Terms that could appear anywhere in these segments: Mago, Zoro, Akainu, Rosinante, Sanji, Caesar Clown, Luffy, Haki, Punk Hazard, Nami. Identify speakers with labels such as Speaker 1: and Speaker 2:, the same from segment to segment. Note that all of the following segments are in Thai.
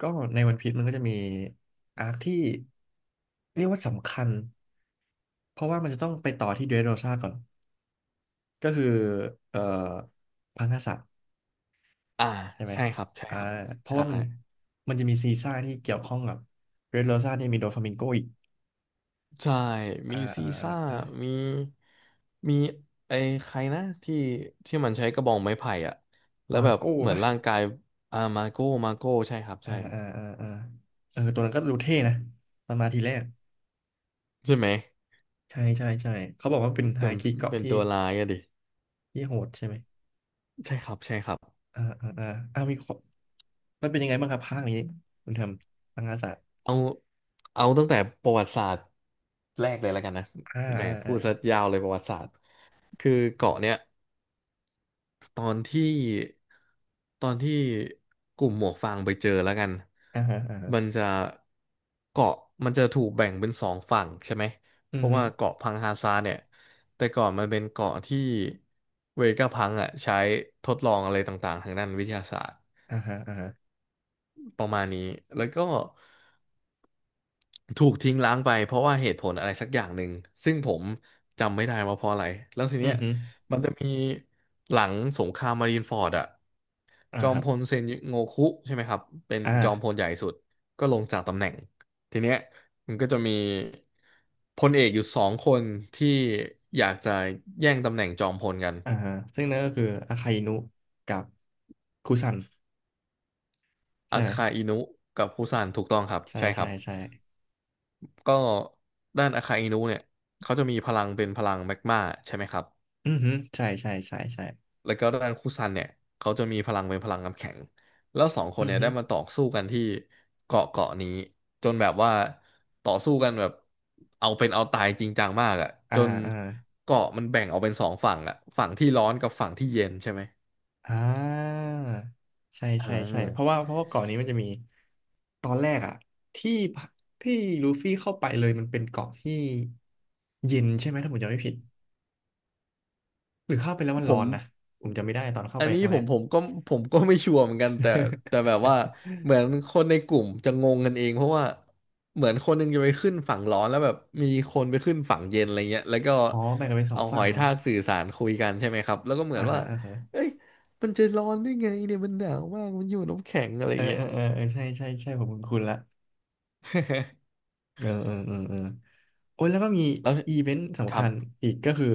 Speaker 1: ก็ในวันพีชมันก็จะมีอาร์คที่เรียกว่าสำคัญเพราะว่ามันจะต้องไปต่อที่เดรสโรซาก่อนก็คือเอ่อพังกษัตริย์
Speaker 2: อ่า
Speaker 1: ใช่ไหม
Speaker 2: ใช่ครับใช่
Speaker 1: อ่า
Speaker 2: ครับ
Speaker 1: เพราะ
Speaker 2: ใช่
Speaker 1: ว่ามันจะมีซีซ่าที่เกี่ยวข้องกับเดรสโรซาเนี่ยมีโดฟามิงโกอีก
Speaker 2: ใช่
Speaker 1: อ่า
Speaker 2: มีซี
Speaker 1: อ่าอ่า
Speaker 2: ซ่า
Speaker 1: อ่า
Speaker 2: มีมีไอ้ใครนะที่ที่มันใช้กระบองไม้ไผ่อะแล้ว
Speaker 1: วา
Speaker 2: แบบ
Speaker 1: โก้
Speaker 2: เหมือน
Speaker 1: ปะ
Speaker 2: ร่างกายอ่ามาโก้มาโก้ใช่ครับ
Speaker 1: อ่า
Speaker 2: ใช่
Speaker 1: อ่าอ่าอ่าเออตัวนั้นก็ดูเท่นะตอนมาทีแรก
Speaker 2: ใช่ไหม
Speaker 1: ใช่ใช่ใช่เขาบอกว่าเป็น
Speaker 2: แต่
Speaker 1: ฮาคิเกาะ
Speaker 2: เป็น
Speaker 1: ที่
Speaker 2: ตัวร้ายอะดิ
Speaker 1: ที่โหดใช่ไหม
Speaker 2: ใช่ครับใช่ครับ
Speaker 1: อ่าอ่าอ่าอ่ามีข้อมันเป็นยังไงบ้างครับภาคนี้คุณทำพังกษัตริย์
Speaker 2: เอาเอาตั้งแต่ประวัติศาสตร์แรกเลยแล้วกันนะ
Speaker 1: อ่
Speaker 2: แหมพูด
Speaker 1: า
Speaker 2: ซะยาวเลยประวัติศาสตร์คือเกาะเนี้ย ตอนที่ตอนที่กลุ่มหมวกฟางไปเจอแล้วกัน
Speaker 1: อ่าอ่าอ่าฮะอ่าฮะ
Speaker 2: มันจะเกาะมันจะถูกแบ่งเป็นสองฝั่งใช่ไหม
Speaker 1: อื
Speaker 2: เพ
Speaker 1: ม
Speaker 2: ราะ
Speaker 1: ฮึ
Speaker 2: ว่าเกาะพังฮาซาเนี่ยแต่ก่อนมันเป็นเกาะที่เวก้าพังอ่ะใช้ทดลองอะไรต่างๆทางด้านวิทยาศาสตร์
Speaker 1: อ่าฮะอ่าฮะ
Speaker 2: ประมาณนี้แล้วก็ ถูกทิ้งล้างไปเพราะว่าเหตุผลอะไรสักอย่างหนึ่งซึ่งผมจำไม่ได้ว่าเพราะอะไรแล้วที
Speaker 1: อื
Speaker 2: เนี้
Speaker 1: ม
Speaker 2: ย
Speaker 1: ฮึ
Speaker 2: มันจะมีหลังสงครามมารีนฟอร์ดอะ
Speaker 1: อ่า
Speaker 2: จอ
Speaker 1: ค
Speaker 2: ม
Speaker 1: รับ
Speaker 2: พลเซนโงคุใช่ไหมครับเป็น
Speaker 1: อ่า
Speaker 2: จอมพลใหญ่สุดก็ลงจากตำแหน่งทีเนี้ยมันก็จะมีพลเอกอยู่สองคนที่อยากจะแย่งตำแหน่งจอมพลกัน
Speaker 1: อ่าฮะซึ่งนั่นก็คืออาคาอินุกับคุซัน
Speaker 2: อา
Speaker 1: ใช่ไหม
Speaker 2: คาอินุกับฮุซันถูกต้องครับ
Speaker 1: ใช่
Speaker 2: ใช่ค
Speaker 1: ใช่
Speaker 2: รับ
Speaker 1: ใช่
Speaker 2: ก็ด้านอาคาอินุเนี่ยเขาจะมีพลังเป็นพลังแมกมาใช่ไหมครับ
Speaker 1: อืมฮึใช่ใช่ใช่ใช่
Speaker 2: แล้วก็ด้านคุซันเนี่ยเขาจะมีพลังเป็นพลังน้ำแข็งแล้วสองค
Speaker 1: อื
Speaker 2: น
Speaker 1: ม
Speaker 2: เนี่ย
Speaker 1: ฮึ
Speaker 2: ได้มาต่อสู้กันที่เกาะเกาะนี้จนแบบว่าต่อสู้กันแบบเอาเป็นเอาตายจริงจังมากอ่ะ
Speaker 1: อ่า
Speaker 2: จน
Speaker 1: อ่า
Speaker 2: เกาะมันแบ่งออกเป็นสองฝั่งอ่ะฝั่งที่ร้อนกับฝั่งที่เย็นใช่ไหม
Speaker 1: อ่าใช่
Speaker 2: อ่
Speaker 1: ใช่ใช่เพราะว่า
Speaker 2: า
Speaker 1: เพราะว่าเกาะนี้มันจะมีตอนแรกอะที่ที่ลูฟี่เข้าไปเลยมันเป็นเกาะที่เย็นใช่ไหมถ้าผมจำไม่ผิดหรือเข้าไปแล้วมัน
Speaker 2: ผ
Speaker 1: ร้อ
Speaker 2: ม
Speaker 1: นนะผมจำไม่ได้ตอนเข้า
Speaker 2: อั
Speaker 1: ไป
Speaker 2: น
Speaker 1: ค
Speaker 2: นี้
Speaker 1: รั้ง
Speaker 2: ผ
Speaker 1: แร
Speaker 2: ม
Speaker 1: ก
Speaker 2: ผมก็ผมก็ไม่ชัวร์เหมือนกันแต่แบบว่า เหมือนคนในกลุ่มจะงงกันเองเพราะว่าเหมือนคนหนึงจะไปขึ้นฝั่งร้อนแล้วแบบมีคนไปขึ้นฝั่งเย็นอะไรเงี้ยแล้วก็
Speaker 1: อ๋อแบ่งกันเป็นสอ
Speaker 2: เอา
Speaker 1: ง
Speaker 2: ห
Speaker 1: ฝั่
Speaker 2: อ
Speaker 1: ง
Speaker 2: ยทากสื่อสารคุยกันใช่ไหมครับแล้วก็เหมื
Speaker 1: อ่า
Speaker 2: อนว่า
Speaker 1: ฮะ อ่าฮะ
Speaker 2: เอ้ยมันจะร้อนได้ไงเนี่ยมันหนาวมากมันอยู่น้ำแข็งอะไร
Speaker 1: เออ
Speaker 2: เงี้
Speaker 1: เอ
Speaker 2: ย
Speaker 1: อเออเออใช่ใช่ใช่ผมคุ้นๆละ เออเออเออเออโอ้ย แล้วก็มี
Speaker 2: แล้ว
Speaker 1: อีเวนต์
Speaker 2: ค
Speaker 1: สำ
Speaker 2: รั
Speaker 1: คั
Speaker 2: บ
Speaker 1: ญอีกก็คือ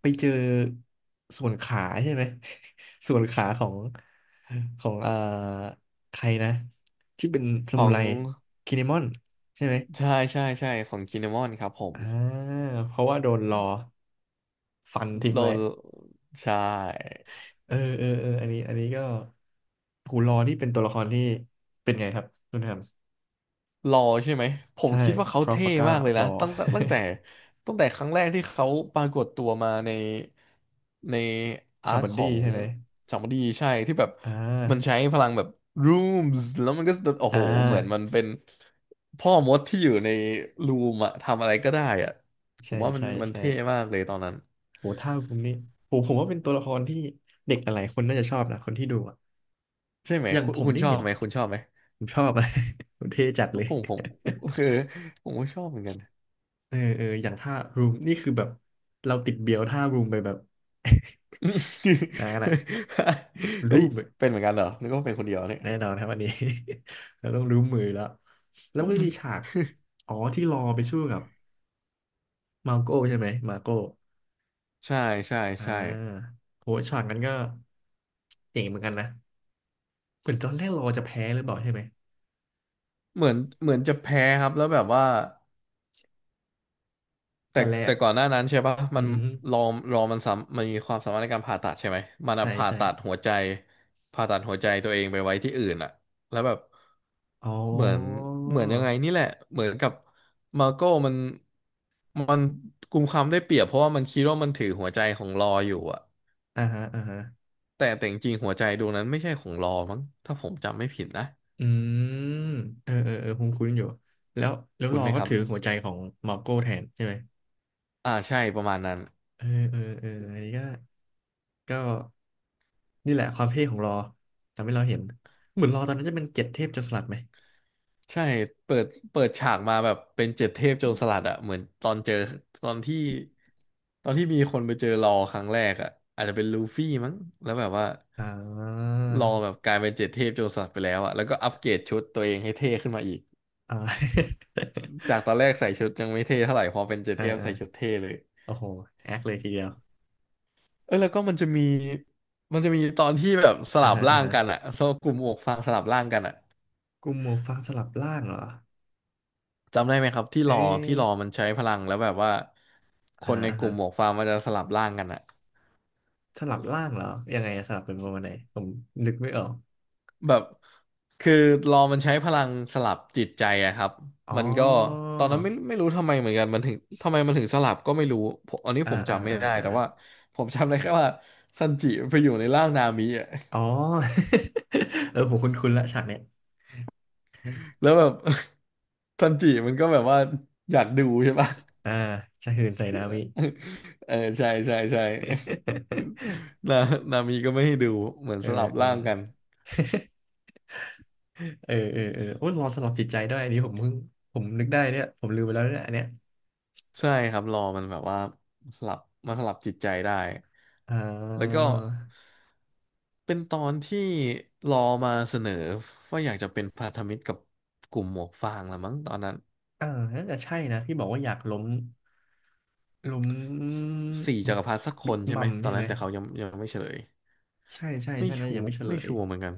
Speaker 1: ไปเจอส่วนขาใช่ไหม ส่วนขาของใครนะที่เป็นส
Speaker 2: ข
Speaker 1: มุ
Speaker 2: อง
Speaker 1: ไรคิเนมอนใช่ไหม
Speaker 2: ใช่ใช่ใช่ของกินมอนครับผม
Speaker 1: อ่า เพราะว่าโดนรอฟันทิ้ง
Speaker 2: โด
Speaker 1: ไว้
Speaker 2: นใช่
Speaker 1: เออเออเออ อันนี้อันนี้ก็หูรอนี่เป็นตัวละครที่เป็นไงครับคุณแฮม
Speaker 2: รอใช่ไหมผม
Speaker 1: ใช่
Speaker 2: คิดว่าเขา
Speaker 1: ทรา
Speaker 2: เท่
Speaker 1: ฟากา
Speaker 2: มา
Speaker 1: ร์
Speaker 2: กเลย
Speaker 1: a อ
Speaker 2: นะตั้งแต่ตั้งแต่ตั้งแต่ครั้งแรกที่เขาปรากฏตัวมาในใน อา
Speaker 1: ชา
Speaker 2: ร์ค
Speaker 1: บัน
Speaker 2: ขอ
Speaker 1: ดี้
Speaker 2: ง
Speaker 1: ใช่ไหม
Speaker 2: จามดีใช่ที่แบบ
Speaker 1: อ่
Speaker 2: มันใช้
Speaker 1: า
Speaker 2: พลังแบบ rooms แล้วมันก็โอ้
Speaker 1: อ่
Speaker 2: โหเหมือนมัน
Speaker 1: า
Speaker 2: เป็นพ่อมดที่อยู่ในรูมอะทำอะไรก็ได้อะผ
Speaker 1: ใช่
Speaker 2: มว่ามัน
Speaker 1: ใช่
Speaker 2: มัน
Speaker 1: ใช่
Speaker 2: เท่มากเลยตอนนั้น
Speaker 1: โหท่าผมนี่โหผมว่าเป็นตัวละครที่เด็กหลายๆคนน่าจะชอบนะคนที่ดูอะ
Speaker 2: ใช่ไหม
Speaker 1: อย่าง
Speaker 2: คุณ
Speaker 1: ผม
Speaker 2: คุณ
Speaker 1: นี่
Speaker 2: ชอ
Speaker 1: เห็
Speaker 2: บ
Speaker 1: น
Speaker 2: ไหมคุณชอบไหม
Speaker 1: ผมชอบอะ ผมเท่จัดเลย
Speaker 2: ผมผมคือผมก็ชอบเหมือนกัน
Speaker 1: เออเอออย่างท่ารูมนี่คือแบบเราติดเบียวท่ารูมไปแบบ นานอะ
Speaker 2: เฮ้
Speaker 1: รู
Speaker 2: ย
Speaker 1: มอะ
Speaker 2: เป็นเหมือนกันเหรอนึกว่าเป็นคนเดียวเนี่ย
Speaker 1: แน่นอนครับอันนี้ เราต้องรู้มือแล้วแล้วมันก็มีฉากอ๋อที่รอไปสู้กับมาโก้ใช่ไหมมาโก้
Speaker 2: ใช่ใช่
Speaker 1: อ่า
Speaker 2: ใช่
Speaker 1: โหช็อตนั้นก็เจ๋งเหมือนกันนะ เหมือนตอนแรกเราจะแพ้หรือเปล่าใช่ไหม
Speaker 2: เหมือนจะแพ้ครับแล้วแบบว่าแต่
Speaker 1: แต่แร
Speaker 2: แต่
Speaker 1: ก
Speaker 2: ก่อนหน้านั้นใช่ปะ
Speaker 1: อื
Speaker 2: มัน
Speaker 1: ม
Speaker 2: รอมันมีความสามารถในการผ่าตัดใช่ไหมมันอะ
Speaker 1: ใช่
Speaker 2: ผ่า
Speaker 1: ใช่
Speaker 2: ตัดหัวใจผ่าตัดหัวใจตัวเองไปไว้ที่อื่นอะแล้วแบบ
Speaker 1: อ๋
Speaker 2: เหมือน
Speaker 1: อ
Speaker 2: เหมือนยังไงนี่แหละเหมือนกับมาโก้มันมันกุมความได้เปรียบเพราะว่ามันคิดว่ามันถือหัวใจของรออยู่อะ
Speaker 1: อ่าฮะอ่าฮะ
Speaker 2: แต่จริงๆหัวใจดวงนั้นไม่ใช่ของรอมั้งถ้าผมจำไม่ผิดนะ
Speaker 1: อืม เออเออเออคุ้นคุ้นอยู่ แล้ว แล้ว
Speaker 2: คุ
Speaker 1: ร
Speaker 2: ณ
Speaker 1: อ
Speaker 2: ไหม
Speaker 1: ก็
Speaker 2: ครับ
Speaker 1: ถือหัวใจของมาร์โก้แทนใช่ไหม
Speaker 2: อ่าใช่ประมาณนั้น
Speaker 1: เออเออเอออันนี้ก็ก็นี่แหละความเท่ของรอทำให้เราเห็น เหมือนรอตอนนั้นจะเป็นเจ็ดเทพจะสลัดไหม
Speaker 2: ใช่เปิดฉากมาแบบเป็นเจ็ดเทพโจรสลัดอะเหมือนตอนเจอตอนที่ตอนที่มีคนไปเจอรอครั้งแรกอะอาจจะเป็นลูฟี่มั้งแล้วแบบว่า
Speaker 1: อ่า
Speaker 2: รอแบบกลายเป็นเจ็ดเทพโจรสลัดไปแล้วอะแล้วก็อัปเกรดชุดตัวเองให้เท่ขึ้นมาอีก
Speaker 1: อ่า
Speaker 2: จากตอนแรกใส่ชุดยังไม่เท่เท่าไหร่พอเป็นเจ็ ด
Speaker 1: ออ
Speaker 2: เทพ
Speaker 1: เออ
Speaker 2: ใส่ชุดเท่เลย
Speaker 1: โอ้โห แอคเลยทีเดียว
Speaker 2: เออแล้วก็มันจะมีตอนที่แบบส
Speaker 1: อ่า
Speaker 2: ลับ
Speaker 1: ฮะอ่า
Speaker 2: ร่าง
Speaker 1: ฮะ
Speaker 2: กันอะโซกลุ่มอกฟางสลับร่างกันอะ
Speaker 1: กลุ่มหมวกฟางสลับล่างเหรอ
Speaker 2: จำได้ไหมครับที่
Speaker 1: เอ๊
Speaker 2: รอที่รอ
Speaker 1: ะ
Speaker 2: มันใช้พลังแล้วแบบว่าค
Speaker 1: อ่า
Speaker 2: นใน
Speaker 1: อ่า
Speaker 2: กลุ่
Speaker 1: ฮะ
Speaker 2: มหมวกฟางมันจะสลับร่างกันอะ
Speaker 1: สลับล่างเหรอยังไงอะสลับเป็นประมาณไหนผมนึกไม่ออก
Speaker 2: แบบคือรอมันใช้พลังสลับจิตใจอะครับ
Speaker 1: อ๋
Speaker 2: มั
Speaker 1: อ
Speaker 2: นก็ตอนนั้นไม่รู้ทำไมเหมือนกันมันถึงทำไมมันถึงสลับก็ไม่รู้ผมอันนี้
Speaker 1: อ่า
Speaker 2: ผม
Speaker 1: อ่า
Speaker 2: จำไม่
Speaker 1: อ่า
Speaker 2: ได้
Speaker 1: อ่า
Speaker 2: แต่ว่าผมจำได้แค่ว่าซันจิไปอยู่ในร่างนามิอะ
Speaker 1: อ๋อ เออผมคุ้นๆละฉากเนี้ย
Speaker 2: แล้วแบบ ซันจิมันก็แบบว่าอยากดูใช่ปะ
Speaker 1: อ่าชาฮืนใส่นามิ
Speaker 2: เออใช่ใช่ใช่ นานามีก็ไม่ให้ดูเหมือน
Speaker 1: เออ
Speaker 2: สลับร่างกัน
Speaker 1: เออเออเออเออโอ้ยรอสลับจิตใจด้วยอันนี้ผมเพิ่งผมนึกได้เนี่ยผมลืมไปแล้วเนี่ยอันเนี้ย
Speaker 2: ใช่ครับรอมันแบบว่าสลับมาสลับจิตใจได้
Speaker 1: อ่
Speaker 2: แล้วก็
Speaker 1: า
Speaker 2: เป็นตอนที่รอมาเสนอว่าอยากจะเป็นพันธมิตรกับกลุ่มหมวกฟางละมั้งตอนนั้น
Speaker 1: อ่าน่าจะใช่นะที่บอกว่าอยากล้ม
Speaker 2: สสี่จั
Speaker 1: บิ๊ก
Speaker 2: กรพรรดิสักค
Speaker 1: บิ๊ก
Speaker 2: นใช่
Speaker 1: มั
Speaker 2: ไหม
Speaker 1: ม
Speaker 2: ตอ
Speaker 1: ใช่
Speaker 2: น
Speaker 1: ไห
Speaker 2: นั้
Speaker 1: ม
Speaker 2: นแต่เขายังไม่เฉลย
Speaker 1: ใช่ใช่
Speaker 2: ไม่
Speaker 1: ใช่นะ
Speaker 2: ชั
Speaker 1: ยั
Speaker 2: ว
Speaker 1: ง
Speaker 2: ร์
Speaker 1: ไม่เฉล
Speaker 2: ไม่
Speaker 1: ย
Speaker 2: ชัวร์เหมือนกัน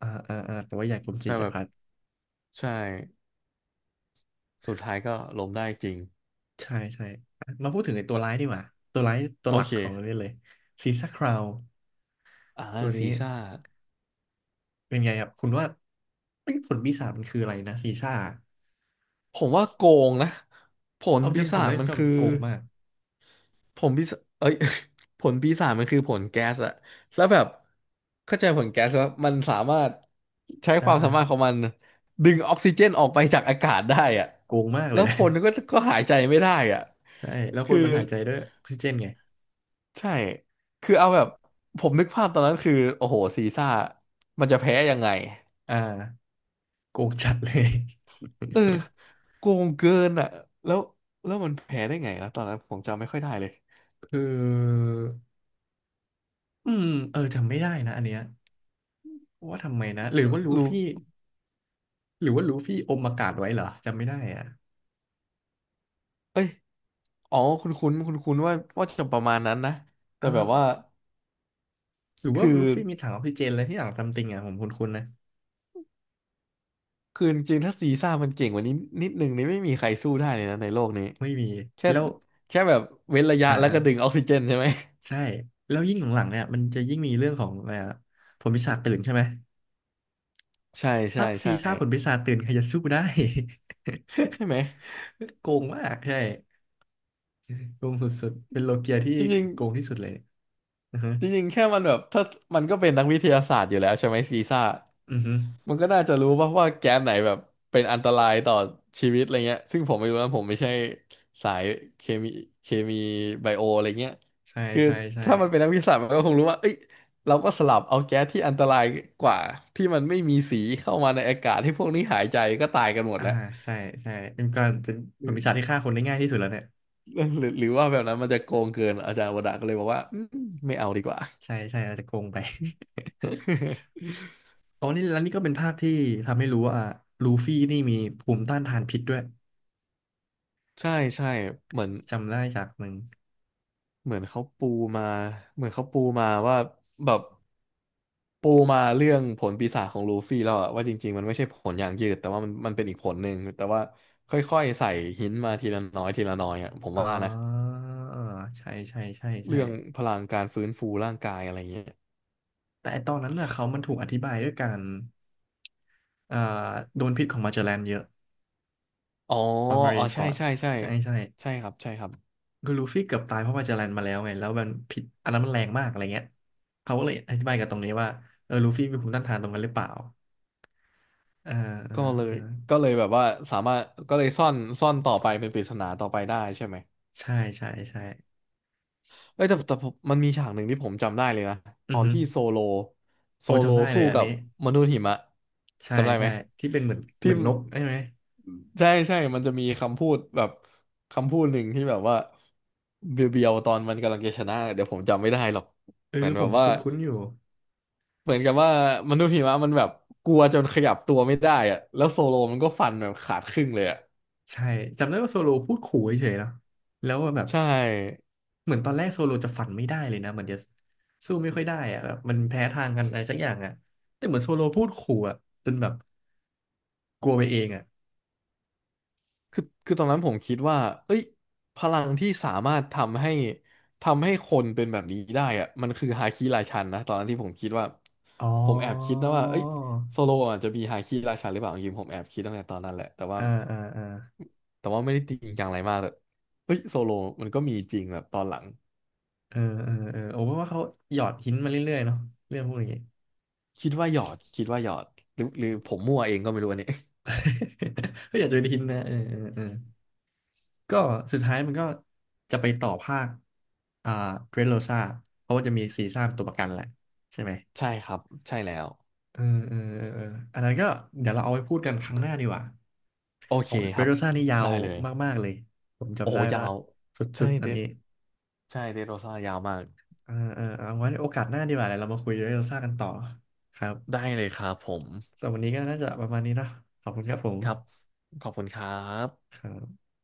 Speaker 1: อ่าอ่าอ่าแต่ว่าอยากรู้จิ
Speaker 2: แต่
Speaker 1: ต
Speaker 2: แบบ
Speaker 1: ภัทร
Speaker 2: ใช่สุดท้ายก็ล้มได้จริง
Speaker 1: ใช่ใช่อ่ะมาพูดถึงไอ้ตัวร้ายดีกว่า ตัวร้ายตัว
Speaker 2: โอ
Speaker 1: หลัก
Speaker 2: เค
Speaker 1: ของเรื่องเลยซีซ่าคราว
Speaker 2: อ่า
Speaker 1: ตัวนี้
Speaker 2: ซีซ่า
Speaker 1: เป็นไงครับคุณว่าเอ้ยผลปีศาจมันคืออะไรนะซีซ่า
Speaker 2: ผมว่าโกงนะผล
Speaker 1: เอา
Speaker 2: ปี
Speaker 1: จำผ
Speaker 2: ศา
Speaker 1: ม
Speaker 2: จ
Speaker 1: ได้
Speaker 2: มันคือ
Speaker 1: จำโกงมาก
Speaker 2: ผลปีศาเอ้ย ผลปีศาจมันคือผลแก๊สอะแล้วแบบเข้าใจผลแก๊สว่ามันสามารถใช้
Speaker 1: อ่
Speaker 2: ความสามารถขอ
Speaker 1: า
Speaker 2: งมันดึงออกซิเจนออกไปจากอากาศได้อะ
Speaker 1: โกงมากเล
Speaker 2: แล้
Speaker 1: ย
Speaker 2: ว
Speaker 1: นะ
Speaker 2: ค นก็หายใจไม่ได้อะ
Speaker 1: ใช่แล้วค
Speaker 2: คื
Speaker 1: น
Speaker 2: อ
Speaker 1: มันหายใจด้วยออกซิเจนไง
Speaker 2: ใช่คือเอาแบบผมนึกภาพตอนนั้นคือโอ้โหซีซ่ามันจะแพ้ยังไง
Speaker 1: อ่าโกงจัดเลย
Speaker 2: เออโกงเกินอะแล้วแล้วมันแพ้ได้ไงนะตอนนั้นผมจำไม่ค่อยได้เลย
Speaker 1: คืออืมเออจำไม่ได้นะอันเนี้ยว่าทำไมนะหรือว่าลู
Speaker 2: รู้
Speaker 1: ฟี่ หรือว่าลูฟี่อมอากาศไว้เหรอจำไม่ได้อ่ะ
Speaker 2: เอ้ย อ๋อคุณคุ้นว่าจะประมาณนั้นนะ
Speaker 1: เอ
Speaker 2: แต่
Speaker 1: อ
Speaker 2: แบบว่า
Speaker 1: หรือว่า
Speaker 2: คือ
Speaker 1: ลูฟี่มีถังออกซิเจนอะไรที่หลังซัมติงอ่ะผมคุ้นๆนะ
Speaker 2: คือจริงๆถ้าซีซ่ามันเก่งกว่านี้นิดนึงนี่ไม่มีใครสู้ได้เลยนะในโลกนี้
Speaker 1: ไม่มี
Speaker 2: แค่
Speaker 1: แล้ว
Speaker 2: แค่แบบเว้นระยะ
Speaker 1: อ่า
Speaker 2: แล้ว
Speaker 1: อ่า
Speaker 2: ก็ดึงออกซิเจนใช่ไหม
Speaker 1: ใช่แล้วยิ่งหลังๆเนี่ยมันจะยิ่งมีเรื่องของอะไรอะผลปีศาจตื่นใช่ไหม
Speaker 2: ใช่
Speaker 1: ถ้า
Speaker 2: ใช่
Speaker 1: ซี
Speaker 2: ใช่
Speaker 1: ซ่าผลปีศาจตื่นใครจะสู้ได้
Speaker 2: ใช่ไหม
Speaker 1: โกงมากใช่โกงสุดๆเป็นโลเกียที่
Speaker 2: จริง
Speaker 1: โกงที่สุดเลยอือฮึ
Speaker 2: ๆจริงๆแค่มันแบบถ้ามันก็เป็นนักวิทยาศาสตร์อยู่แล้วใช่ไหมซีซ่า
Speaker 1: อือฮึ
Speaker 2: มันก็น่าจะรู้ป่ะว่าแก๊สไหนแบบเป็นอันตรายต่อชีวิตอะไรเงี้ยซึ่งผมไม่รู้นะผมไม่ใช่สายเคมีเคมีไบโออะไรเงี้ย
Speaker 1: ใช่
Speaker 2: คือ
Speaker 1: ใช่ใช่
Speaker 2: ถ้ามันเป็นนักวิทยาศาสตร์มันก็คงรู้ว่าเอ้ยเราก็สลับเอาแก๊สที่อันตรายกว่าที่มันไม่มีสีเข้ามาในอากาศให้พวกนี้หายใจก็ตายกันหมด
Speaker 1: อ่า
Speaker 2: แล้ว
Speaker 1: ใช่ใช่เป็นการเป็น
Speaker 2: ห
Speaker 1: ผ
Speaker 2: รื
Speaker 1: ล
Speaker 2: อ
Speaker 1: ปีศาจที่ฆ่าคนได้ง่ายที่สุดแล้วเนี่ย
Speaker 2: หรือว่าแบบนั้นมันจะโกงเกินอาจารย์วดาก็เลยบอกว่าอืมไม่เอาดีกว่า
Speaker 1: ใช่ใช่เราจะโกงไป ตอนนี้แล้วนี่ก็เป็นภาคที่ทำให้รู้ว่าลูฟี่นี่มีภูมิต้านทานพิษด้วย
Speaker 2: ใช่ใช่เหมือน
Speaker 1: จำได้จากหนึ่ง
Speaker 2: เหมือนเขาปูมาเหมือนเขาปูมาว่าแบบปูมาเรื่องผลปีศาจของลูฟี่แล้วอะว่าจริงๆมันไม่ใช่ผลอย่างยืดแต่ว่ามันเป็นอีกผลหนึ่งแต่ว่าค่อยๆใส่หินมาทีละน้อยทีละน้อยอะผม
Speaker 1: อ่
Speaker 2: ว่านะ
Speaker 1: าใช่ใช่ใช่ใช่
Speaker 2: เรื่องพลังการฟื้นฟูร่างกายอะไรเงี้ย
Speaker 1: แต่ไอ้ตอนนั้นน่ะเขามันถูกอธิบายด้วยการเอ่อโดนพิษของมาเจลแลนเยอะ
Speaker 2: อ๋อ
Speaker 1: ตอนมาริ
Speaker 2: อ๋อ
Speaker 1: นฟ
Speaker 2: ใช่
Speaker 1: อร์ด
Speaker 2: ใช่ใช่
Speaker 1: ใช่ใช่
Speaker 2: ใช่ครับใช่ครับ
Speaker 1: คือลูฟี่เกือบตายเพราะมาเจลแลนมาแล้วไงแล้วมันพิษอันนั้นมันแรงมากอะไรเงี้ยเขาก็เลยอธิบายกับตรงนี้ว่าเออลูฟี่มีภูมิต้านทานตรงนั้นหรือเปล่าเออเอ
Speaker 2: ก็
Speaker 1: อ
Speaker 2: เล
Speaker 1: เอ
Speaker 2: ย
Speaker 1: อ
Speaker 2: ก็เลยแบบว่าสามารถก็เลยซ่อนต่อไปเป็นปริศนาต่อไปได้ใช่ไหม
Speaker 1: ใช่ใช่ใช่
Speaker 2: เอ้ยแต่ผมมันมีฉากหนึ่งที่ผมจำได้เลยนะต
Speaker 1: อื
Speaker 2: อ
Speaker 1: อ
Speaker 2: น
Speaker 1: ฮึ
Speaker 2: ที่โซโลโซ
Speaker 1: โอ้
Speaker 2: โล
Speaker 1: จำได้เล
Speaker 2: สู้
Speaker 1: ยอัน
Speaker 2: กับ
Speaker 1: นี้
Speaker 2: มนุษย์หิมะ
Speaker 1: ใช่
Speaker 2: จำได้ไหม
Speaker 1: ใช่ที่เป็นเหมือนเห
Speaker 2: ที่
Speaker 1: มือนนกใช่ไหม
Speaker 2: ใช่ใช่มันจะมีคำพูดแบบคำพูดหนึ่งที่แบบว่าเบียวๆตอนมันกำลังจะชนะเดี๋ยวผมจำไม่ได้หรอก
Speaker 1: เออ
Speaker 2: เหมือน
Speaker 1: ผ
Speaker 2: แบ
Speaker 1: ม
Speaker 2: บ
Speaker 1: ค
Speaker 2: ว่า
Speaker 1: ุ้นๆอยู่
Speaker 2: เหมือนกับว่ามนุษย์หิมะมันแบบกลัวจนขยับตัวไม่ได้อะแล้วโซโลมันก็ฟันแบบขาดครึ่งเลยอะ
Speaker 1: ใช่จำได้ว่าโซโลพูดขู่เฉยๆนะแล้วแบบ
Speaker 2: ใช่
Speaker 1: เหมือนตอนแรกโซโลจะฝันไม่ได้เลยนะเหมือนจะสู้ไม่ค่อยได้อะแบบมันแพ้ทางกันอะไรสักอย่างอะแต่เหมือนโซโลพูดขู่อะจนแบบกลัวไปเองอะ
Speaker 2: คือตอนนั้นผมคิดว่าเอ้ยพลังที่สามารถทำให้คนเป็นแบบนี้ได้อะมันคือฮาคิราชันนะ ตอนนั้นที่ผมคิดว่า
Speaker 1: อ๋อ
Speaker 2: ผมแอบคิดนะว่าเอ้ยโซโลอาจจะมีฮาคิราชันหรือเปล่าจริงๆผมแอบคิดตั้งแต่ตอนนั้นแหละแต่ว่า
Speaker 1: อ่าอ่าอ่า
Speaker 2: แต่ว่าไม่ได้จริงจังอะไรมากเลยเอ้ยโซโลมันก็มีจริงแบบตอนหลัง
Speaker 1: เออเออเออโอ้เพราะว่าเขาหยอดหินมาเรื่อยๆเนาะเรื่องพวกนี้
Speaker 2: คิดว่าหยอดหรือผมมั่วเองก็ไม่รู้อันนี้
Speaker 1: ก็อยากจะเป็นหินนะเออเออเออ ก็สุดท้ายมันก็จะไปต่อภาคอ่าเดรสโรซาเพราะว่าจะมีซีซ่าเป็นตัวประกันแหละใช่ไหม
Speaker 2: ใช่ครับใช่แล้ว
Speaker 1: เออเออเออเอออันนั้นก็เดี๋ยวเราเอาไว้พูดกันครั้งหน้าดีกว่า
Speaker 2: โอ
Speaker 1: ขอ
Speaker 2: เค
Speaker 1: งเดร
Speaker 2: ครั
Speaker 1: ส
Speaker 2: บ
Speaker 1: โรซานี่ยา
Speaker 2: ได้
Speaker 1: ว
Speaker 2: เลย
Speaker 1: มากๆเลยผม
Speaker 2: โอ้
Speaker 1: จำ
Speaker 2: โห
Speaker 1: ได้
Speaker 2: ยา
Speaker 1: ว่า
Speaker 2: ว
Speaker 1: สุ
Speaker 2: ใช่
Speaker 1: ดๆอั
Speaker 2: เด
Speaker 1: น
Speaker 2: ด
Speaker 1: นี้
Speaker 2: ใช่เดดโรซ่ายาวมาก
Speaker 1: เออเออเอาไว้โอกาสหน้าดีกว่าเดี๋ยวเรามาคุยเดรสโรซากันต่อครับ
Speaker 2: ได้เลยครับผม
Speaker 1: สำหรับวันนี้ก็น่าจะประมาณนี้เนอะขอบคุณครับผม
Speaker 2: ครับขอบคุณครั
Speaker 1: ค
Speaker 2: บ
Speaker 1: รับ